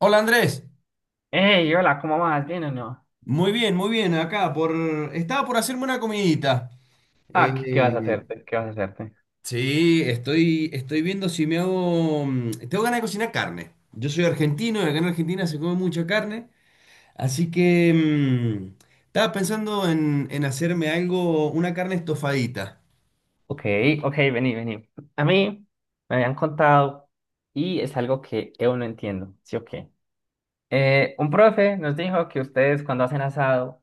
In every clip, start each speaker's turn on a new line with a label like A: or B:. A: Hola Andrés,
B: Hey, hola, ¿cómo vas? ¿Bien o no?
A: muy bien, acá por. Estaba por hacerme una comidita.
B: Ah, ¿qué vas a
A: Eh,
B: hacerte?
A: sí, estoy viendo si me hago. Tengo ganas de cocinar carne. Yo soy argentino y acá en Argentina se come mucha carne, así que estaba pensando en hacerme algo, una carne estofadita.
B: Ok, ok, vení. A mí me habían contado y es algo que yo no entiendo, ¿sí o qué? Un profe nos dijo que ustedes cuando hacen asado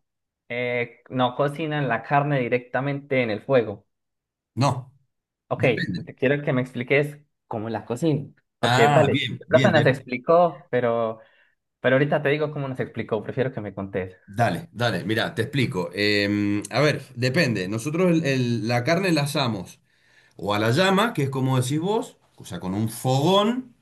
B: no cocinan la carne directamente en el fuego.
A: No,
B: Ok,
A: depende.
B: te quiero que me expliques cómo la cocinan, porque
A: Ah,
B: dale,
A: bien,
B: el
A: bien,
B: profe nos
A: bien.
B: explicó, pero ahorita te digo cómo nos explicó, prefiero que me contes.
A: Dale, dale, mira, te explico. A ver, depende. Nosotros la carne la asamos. O a la llama, que es como decís vos, o sea, con un fogón,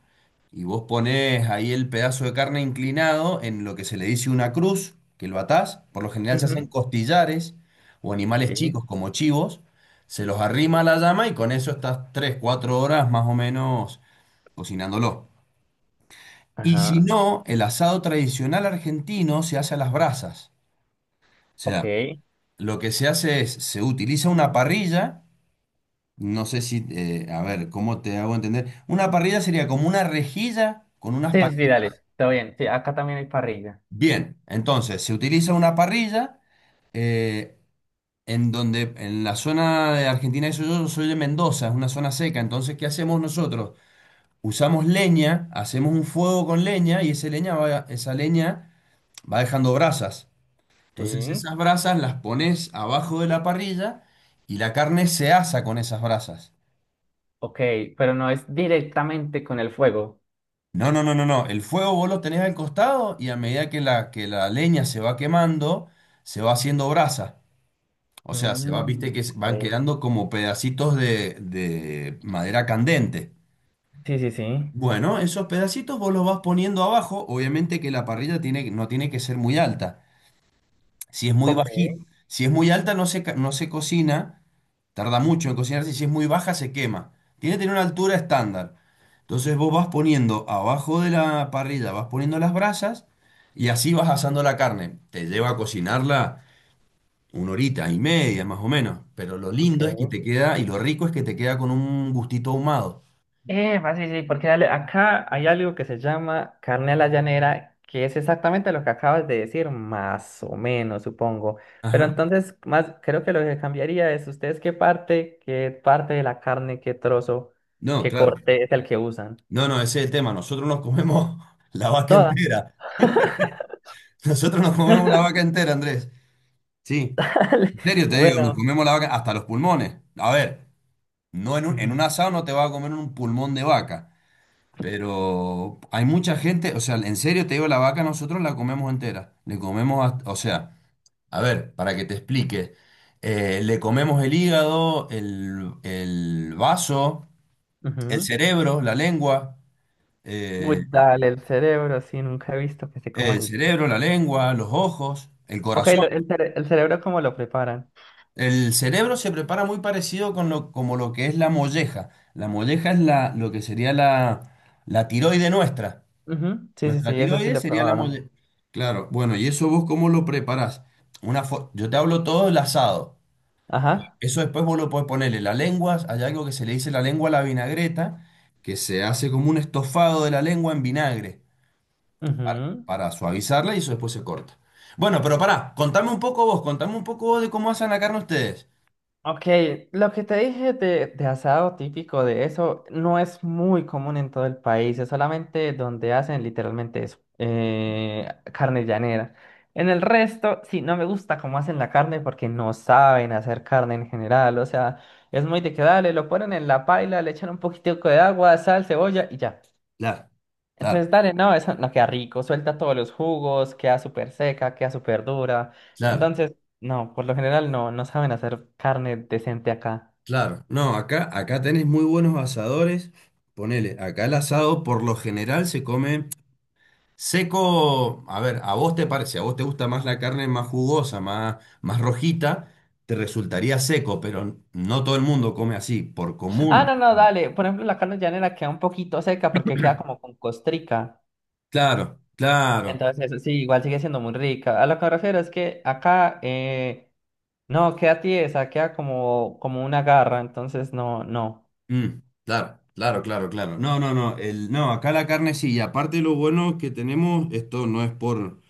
A: y vos ponés ahí el pedazo de carne inclinado en lo que se le dice una cruz, que lo atás. Por lo general se hacen
B: Ujú.
A: costillares o animales
B: Sí,
A: chicos como chivos, se los arrima a la llama y con eso estás 3 o 4 horas más o menos cocinándolo. Y si
B: ajá,
A: no, el asado tradicional argentino se hace a las brasas. O sea,
B: ok.
A: lo que se hace es, se utiliza una parrilla. No sé si, a ver, ¿cómo te hago entender? Una parrilla sería como una rejilla con unas
B: Sí, sí, sí,
A: patitas.
B: dale, todo bien. Sí, acá también hay parrilla.
A: Bien, entonces se utiliza una parrilla eh, en donde, en la zona de Argentina, eso yo soy de Mendoza, es una zona seca, entonces, ¿qué hacemos nosotros? Usamos leña, hacemos un fuego con leña y esa leña va dejando brasas. Entonces
B: Sí,
A: esas brasas las pones abajo de la parrilla y la carne se asa con esas brasas.
B: ok, pero no es directamente con el fuego.
A: No, no, no, no, no. El fuego vos lo tenés al costado y a medida que la leña se va quemando, se va haciendo brasa. O sea, se va, viste
B: Mm,
A: que van
B: ok.
A: quedando como pedacitos de madera candente.
B: Sí, sí, sí.
A: Bueno, esos pedacitos vos los vas poniendo abajo. Obviamente que la parrilla tiene, no tiene que ser muy alta. Si es muy
B: Ok,
A: bajita, si es muy alta no se, no se cocina. Tarda mucho en cocinarse y si es muy baja se quema. Tiene que tener una altura estándar. Entonces vos vas poniendo abajo de la parrilla, vas poniendo las brasas y así vas asando la carne. Te lleva a cocinarla una horita y media más o menos. Pero lo lindo es que
B: ok.
A: te queda y lo rico es que te queda con un gustito ahumado.
B: Sí, sí, porque dale, acá hay algo que se llama carne a la llanera, que es exactamente lo que acabas de decir, más o menos, supongo. Pero
A: Ajá.
B: entonces, más, creo que lo que cambiaría es ustedes qué parte de la carne, qué trozo,
A: No,
B: qué
A: claro.
B: corte es el que usan.
A: No, no, ese es el tema. Nosotros nos comemos la vaca
B: Toda.
A: entera. Nosotros nos comemos la vaca entera, Andrés. Sí.
B: Dale,
A: En serio te digo, nos
B: bueno.
A: comemos la vaca hasta los pulmones. A ver. No en un,
B: Ujú.
A: en un asado no te vas a comer un pulmón de vaca, pero hay mucha gente, o sea, en serio te digo, la vaca nosotros la comemos entera. Le comemos, o sea, a ver, para que te explique, le comemos el hígado, el vaso, el
B: Ujú.
A: cerebro, la lengua,
B: Uy,
A: eh,
B: dale, el cerebro, sí, nunca he visto que se coman
A: el
B: el cerebro.
A: cerebro, la lengua, los ojos, el
B: Ok,
A: corazón.
B: el cerebro, ¿cómo lo preparan?
A: El cerebro se prepara muy parecido como lo que es la molleja. La molleja es lo que sería la tiroide nuestra.
B: Ujú, sí, sí,
A: Nuestra
B: sí, eso sí
A: tiroides
B: lo
A: sería la
B: probaron.
A: mole. Claro, bueno, ¿y eso vos cómo lo preparás? Yo te hablo todo del asado.
B: Ajá.
A: Eso después vos lo podés ponerle la lengua, hay algo que se le dice la lengua a la vinagreta, que se hace como un estofado de la lengua en vinagre para,
B: Ujú.
A: para suavizarla y eso después se corta. Bueno, pero pará, contame un poco vos de cómo hacen la carne ustedes.
B: Ok, lo que te dije de asado típico de eso no es muy común en todo el país, es solamente donde hacen literalmente eso, carne llanera. En el resto, sí, no me gusta cómo hacen la carne porque no saben hacer carne en general, o sea, es muy de que dale, lo ponen en la paila, le echan un poquitico de agua, sal, cebolla y ya.
A: Claro, claro,
B: Entonces, dale, no, eso no queda rico, suelta todos los jugos, queda súper seca, queda súper dura.
A: claro,
B: Entonces, no, por lo general no, no saben hacer carne decente acá.
A: claro. No, acá tenés muy buenos asadores. Ponele, acá el asado por lo general se come seco, a ver, a vos te parece, a vos te gusta más la carne más jugosa, más rojita, te resultaría seco, pero no todo el mundo come así, por
B: Ah,
A: común.
B: no, no, dale, por ejemplo, la carne llanera queda un poquito seca porque queda como con costrica.
A: Claro, claro,
B: Entonces, eso sí, igual sigue siendo muy rica. A lo que me refiero es que acá, no, queda tiesa, queda como, como una garra, entonces no, no.
A: mm, claro, claro, claro, claro. No, no, no, no, acá la carne sí, y aparte lo bueno que tenemos, esto no es por,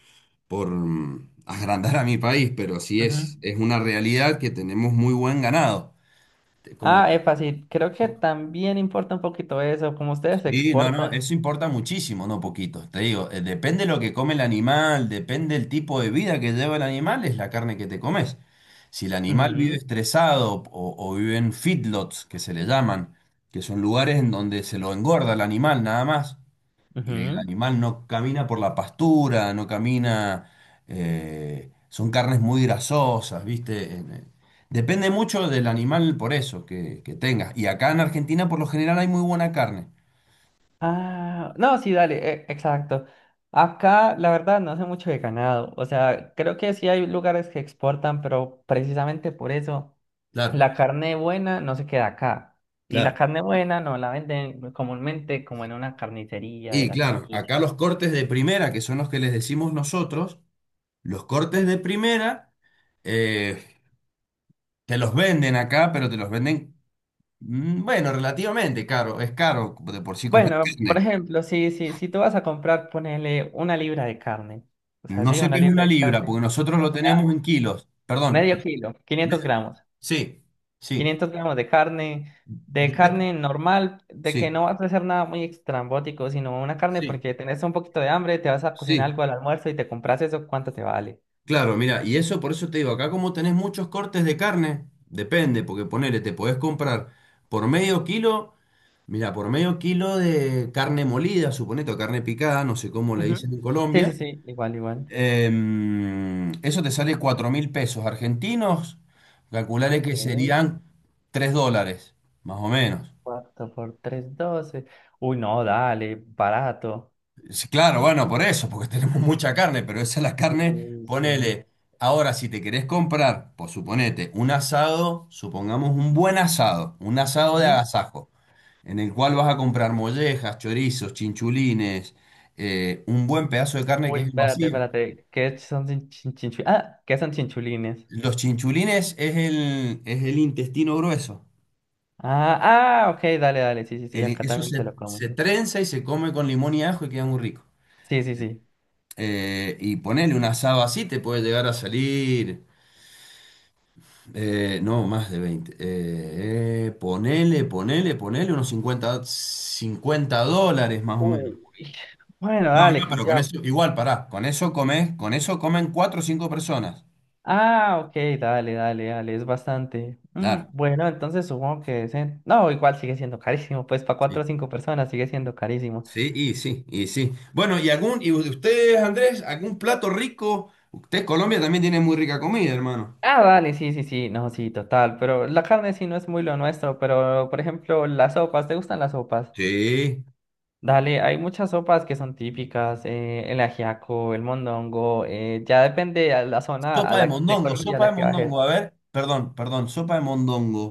A: por agrandar a mi país, pero sí es,
B: Ujú.
A: es una realidad que tenemos muy buen ganado. Como.
B: Ah, epa, sí creo que también importa un poquito eso, como ustedes
A: Sí, no, no,
B: exportan.
A: eso importa muchísimo, no poquito. Te digo, depende lo que come el animal, depende el tipo de vida que lleva el animal, es la carne que te comes. Si el animal vive
B: Ujú.
A: estresado o vive en feedlots, que se le llaman, que son lugares en donde se lo engorda el animal nada más, y el
B: Ujú.
A: animal no camina por la pastura, no camina, son carnes muy grasosas, ¿viste? Depende mucho del animal por eso que tengas. Y acá en Argentina por lo general hay muy buena carne.
B: Ah, no, sí, dale, exacto. Acá, la verdad, no sé mucho de ganado. O sea, creo que sí hay lugares que exportan, pero precisamente por eso la
A: Claro.
B: carne buena no se queda acá. Y la
A: Claro.
B: carne buena no la venden comúnmente como en una carnicería de
A: Y
B: la
A: claro, acá
B: esquina.
A: los cortes de primera, que son los que les decimos nosotros, los cortes de primera eh, te los venden acá, pero te los venden, bueno, relativamente caro, es caro de por sí comer
B: Bueno, por
A: carne.
B: ejemplo, si tú vas a comprar, ponele una libra de carne. O sea,
A: No
B: sí,
A: sé
B: una
A: qué es
B: libra
A: una
B: de
A: libra,
B: carne.
A: porque nosotros lo tenemos
B: Ah,
A: en kilos. Perdón.
B: medio kilo,
A: me-
B: 500 gramos.
A: Sí, sí.
B: Quinientos gramos de
A: Dep-
B: carne normal, de que
A: Sí,
B: no vas a hacer nada muy extrambótico, sino una carne
A: sí,
B: porque tenés un poquito de hambre, te vas a cocinar
A: sí.
B: algo al almuerzo y te compras eso, ¿cuánto te vale?
A: Claro, mira, y eso por eso te digo, acá como tenés muchos cortes de carne, depende, porque ponele, te podés comprar por medio kilo, mira, por medio kilo de carne molida, suponete, o carne picada, no sé cómo le dicen
B: Ujú.
A: en
B: Sí, sí,
A: Colombia,
B: sí, igual, igual.
A: eso te sale 4.000 pesos argentinos, calcularé
B: Ok,
A: que serían 3 dólares, más o menos.
B: 4 por 3 doce. Uy, no, dale, barato.
A: Sí, claro, bueno, por eso, porque tenemos mucha carne, pero esa es la carne,
B: Sí, sí.
A: ponele. Ahora, si te querés comprar, por suponete, un asado, supongamos un buen asado, un asado de
B: Ujú.
A: agasajo, en el cual vas a comprar mollejas, chorizos, chinchulines, un buen pedazo de carne que
B: Uy,
A: es el
B: espérate,
A: vacío.
B: espérate. ¿Qué son chin- chin- chinchu- Ah, ¿qué son chinchulines?
A: Los chinchulines es el intestino grueso.
B: Ah, ah, ok, dale, dale. Sí, sí, sí, acá
A: Eso
B: también se
A: se,
B: lo comen.
A: se trenza y se come con limón y ajo y queda muy rico.
B: Sí, sí, sí.
A: Y ponele un asado así, te puede llegar a salir. No, más de 20. Ponele unos cincuenta dólares más o menos.
B: Uy, bueno,
A: No, no,
B: dale,
A: pero con
B: cambia.
A: eso, igual, pará, con eso comes, con eso comen 4 o 5 personas.
B: Ah, ok, dale, dale, dale, es bastante. Mm,
A: Claro.
B: bueno, entonces supongo que... es en- No, igual sigue siendo carísimo, pues para
A: Sí,
B: cuatro o cinco personas sigue siendo carísimo.
A: sí, y sí, y sí. Bueno, y ustedes, Andrés, algún plato rico. Usted, Colombia también tiene muy rica comida, hermano.
B: Ah, dale, sí, sí, sí, no, sí, total, pero la carne sí no es muy lo nuestro, pero por ejemplo, las sopas, ¿te gustan las sopas?
A: Sí.
B: Dale, hay muchas sopas que son típicas, el ajiaco, el mondongo, ya depende a la zona a
A: Sopa de
B: la, de
A: mondongo,
B: Colombia a
A: sopa de
B: la que
A: mondongo.
B: bajes.
A: A ver, perdón, perdón, sopa de mondongo.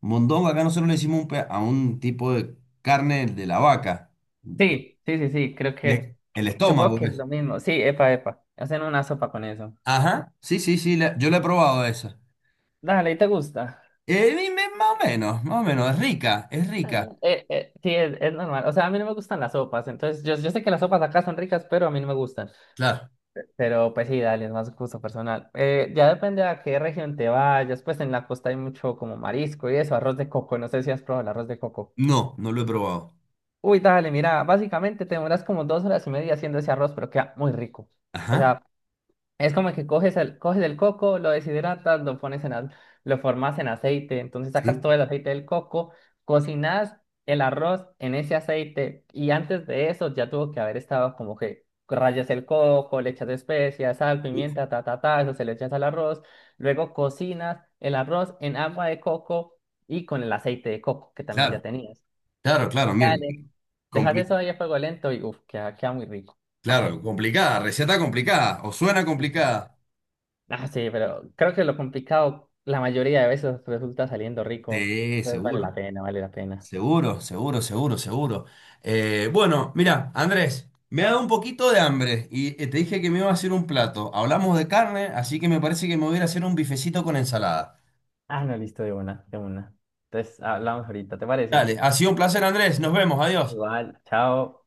A: Mondongo, acá nosotros le decimos a un tipo de carne de la vaca. Eh,
B: Sí, sí, sí, sí, creo
A: El, es- el
B: supongo
A: estómago,
B: que es
A: pues.
B: lo mismo. Sí, epa, epa, hacen una sopa con eso.
A: Ajá, sí, sí, sí, yo la he probado esa.
B: Dale, ¿y te gusta?
A: Dime, más o menos, es rica, es
B: Ah,
A: rica.
B: sí, es normal. O sea, a mí no me gustan las sopas, entonces yo sé que las sopas acá son ricas, pero a mí no me gustan.
A: Claro.
B: Pero pues sí, dale, es más gusto personal. Ya depende a qué región te vayas, pues en la costa hay mucho como marisco y eso, arroz de coco, no sé si has probado el arroz de coco.
A: No, no lo he probado.
B: Uy, dale, mira, básicamente te demoras como 2 horas y media haciendo ese arroz, pero queda muy rico. O
A: Ajá,
B: sea, es como que coges el coco, lo deshidratas, lo formas en aceite, entonces sacas
A: sí,
B: todo el aceite del coco, cocinas el arroz en ese aceite y antes de eso ya tuvo que haber estado como que rayas el coco, le echas especias, sal,
A: uf,
B: pimienta, ta, ta, ta, eso se le echas al arroz, luego cocinas el arroz en agua de coco y con el aceite de coco que también ya
A: claro,
B: tenías.
A: claro, claro, mira.
B: Dale. Dejas
A: compli-
B: eso ahí a fuego lento y uff, queda, queda muy rico. ¿Para
A: claro,
B: qué?
A: complicada, receta complicada, o suena complicada.
B: Ah, sí, pero creo que lo complicado la mayoría de veces resulta saliendo rico.
A: Sí,
B: Entonces vale la
A: seguro.
B: pena, vale la pena.
A: Seguro, seguro, seguro, seguro. Bueno, mira, Andrés, me ha dado un poquito de hambre y te dije que me iba a hacer un plato. Hablamos de carne, así que me parece que me voy a ir a hacer un bifecito con ensalada.
B: Ah, no, listo, de una, de una. Entonces hablamos ahorita, ¿te parece?
A: Dale, ha sido un placer, Andrés. Nos vemos, adiós.
B: Igual. Chao.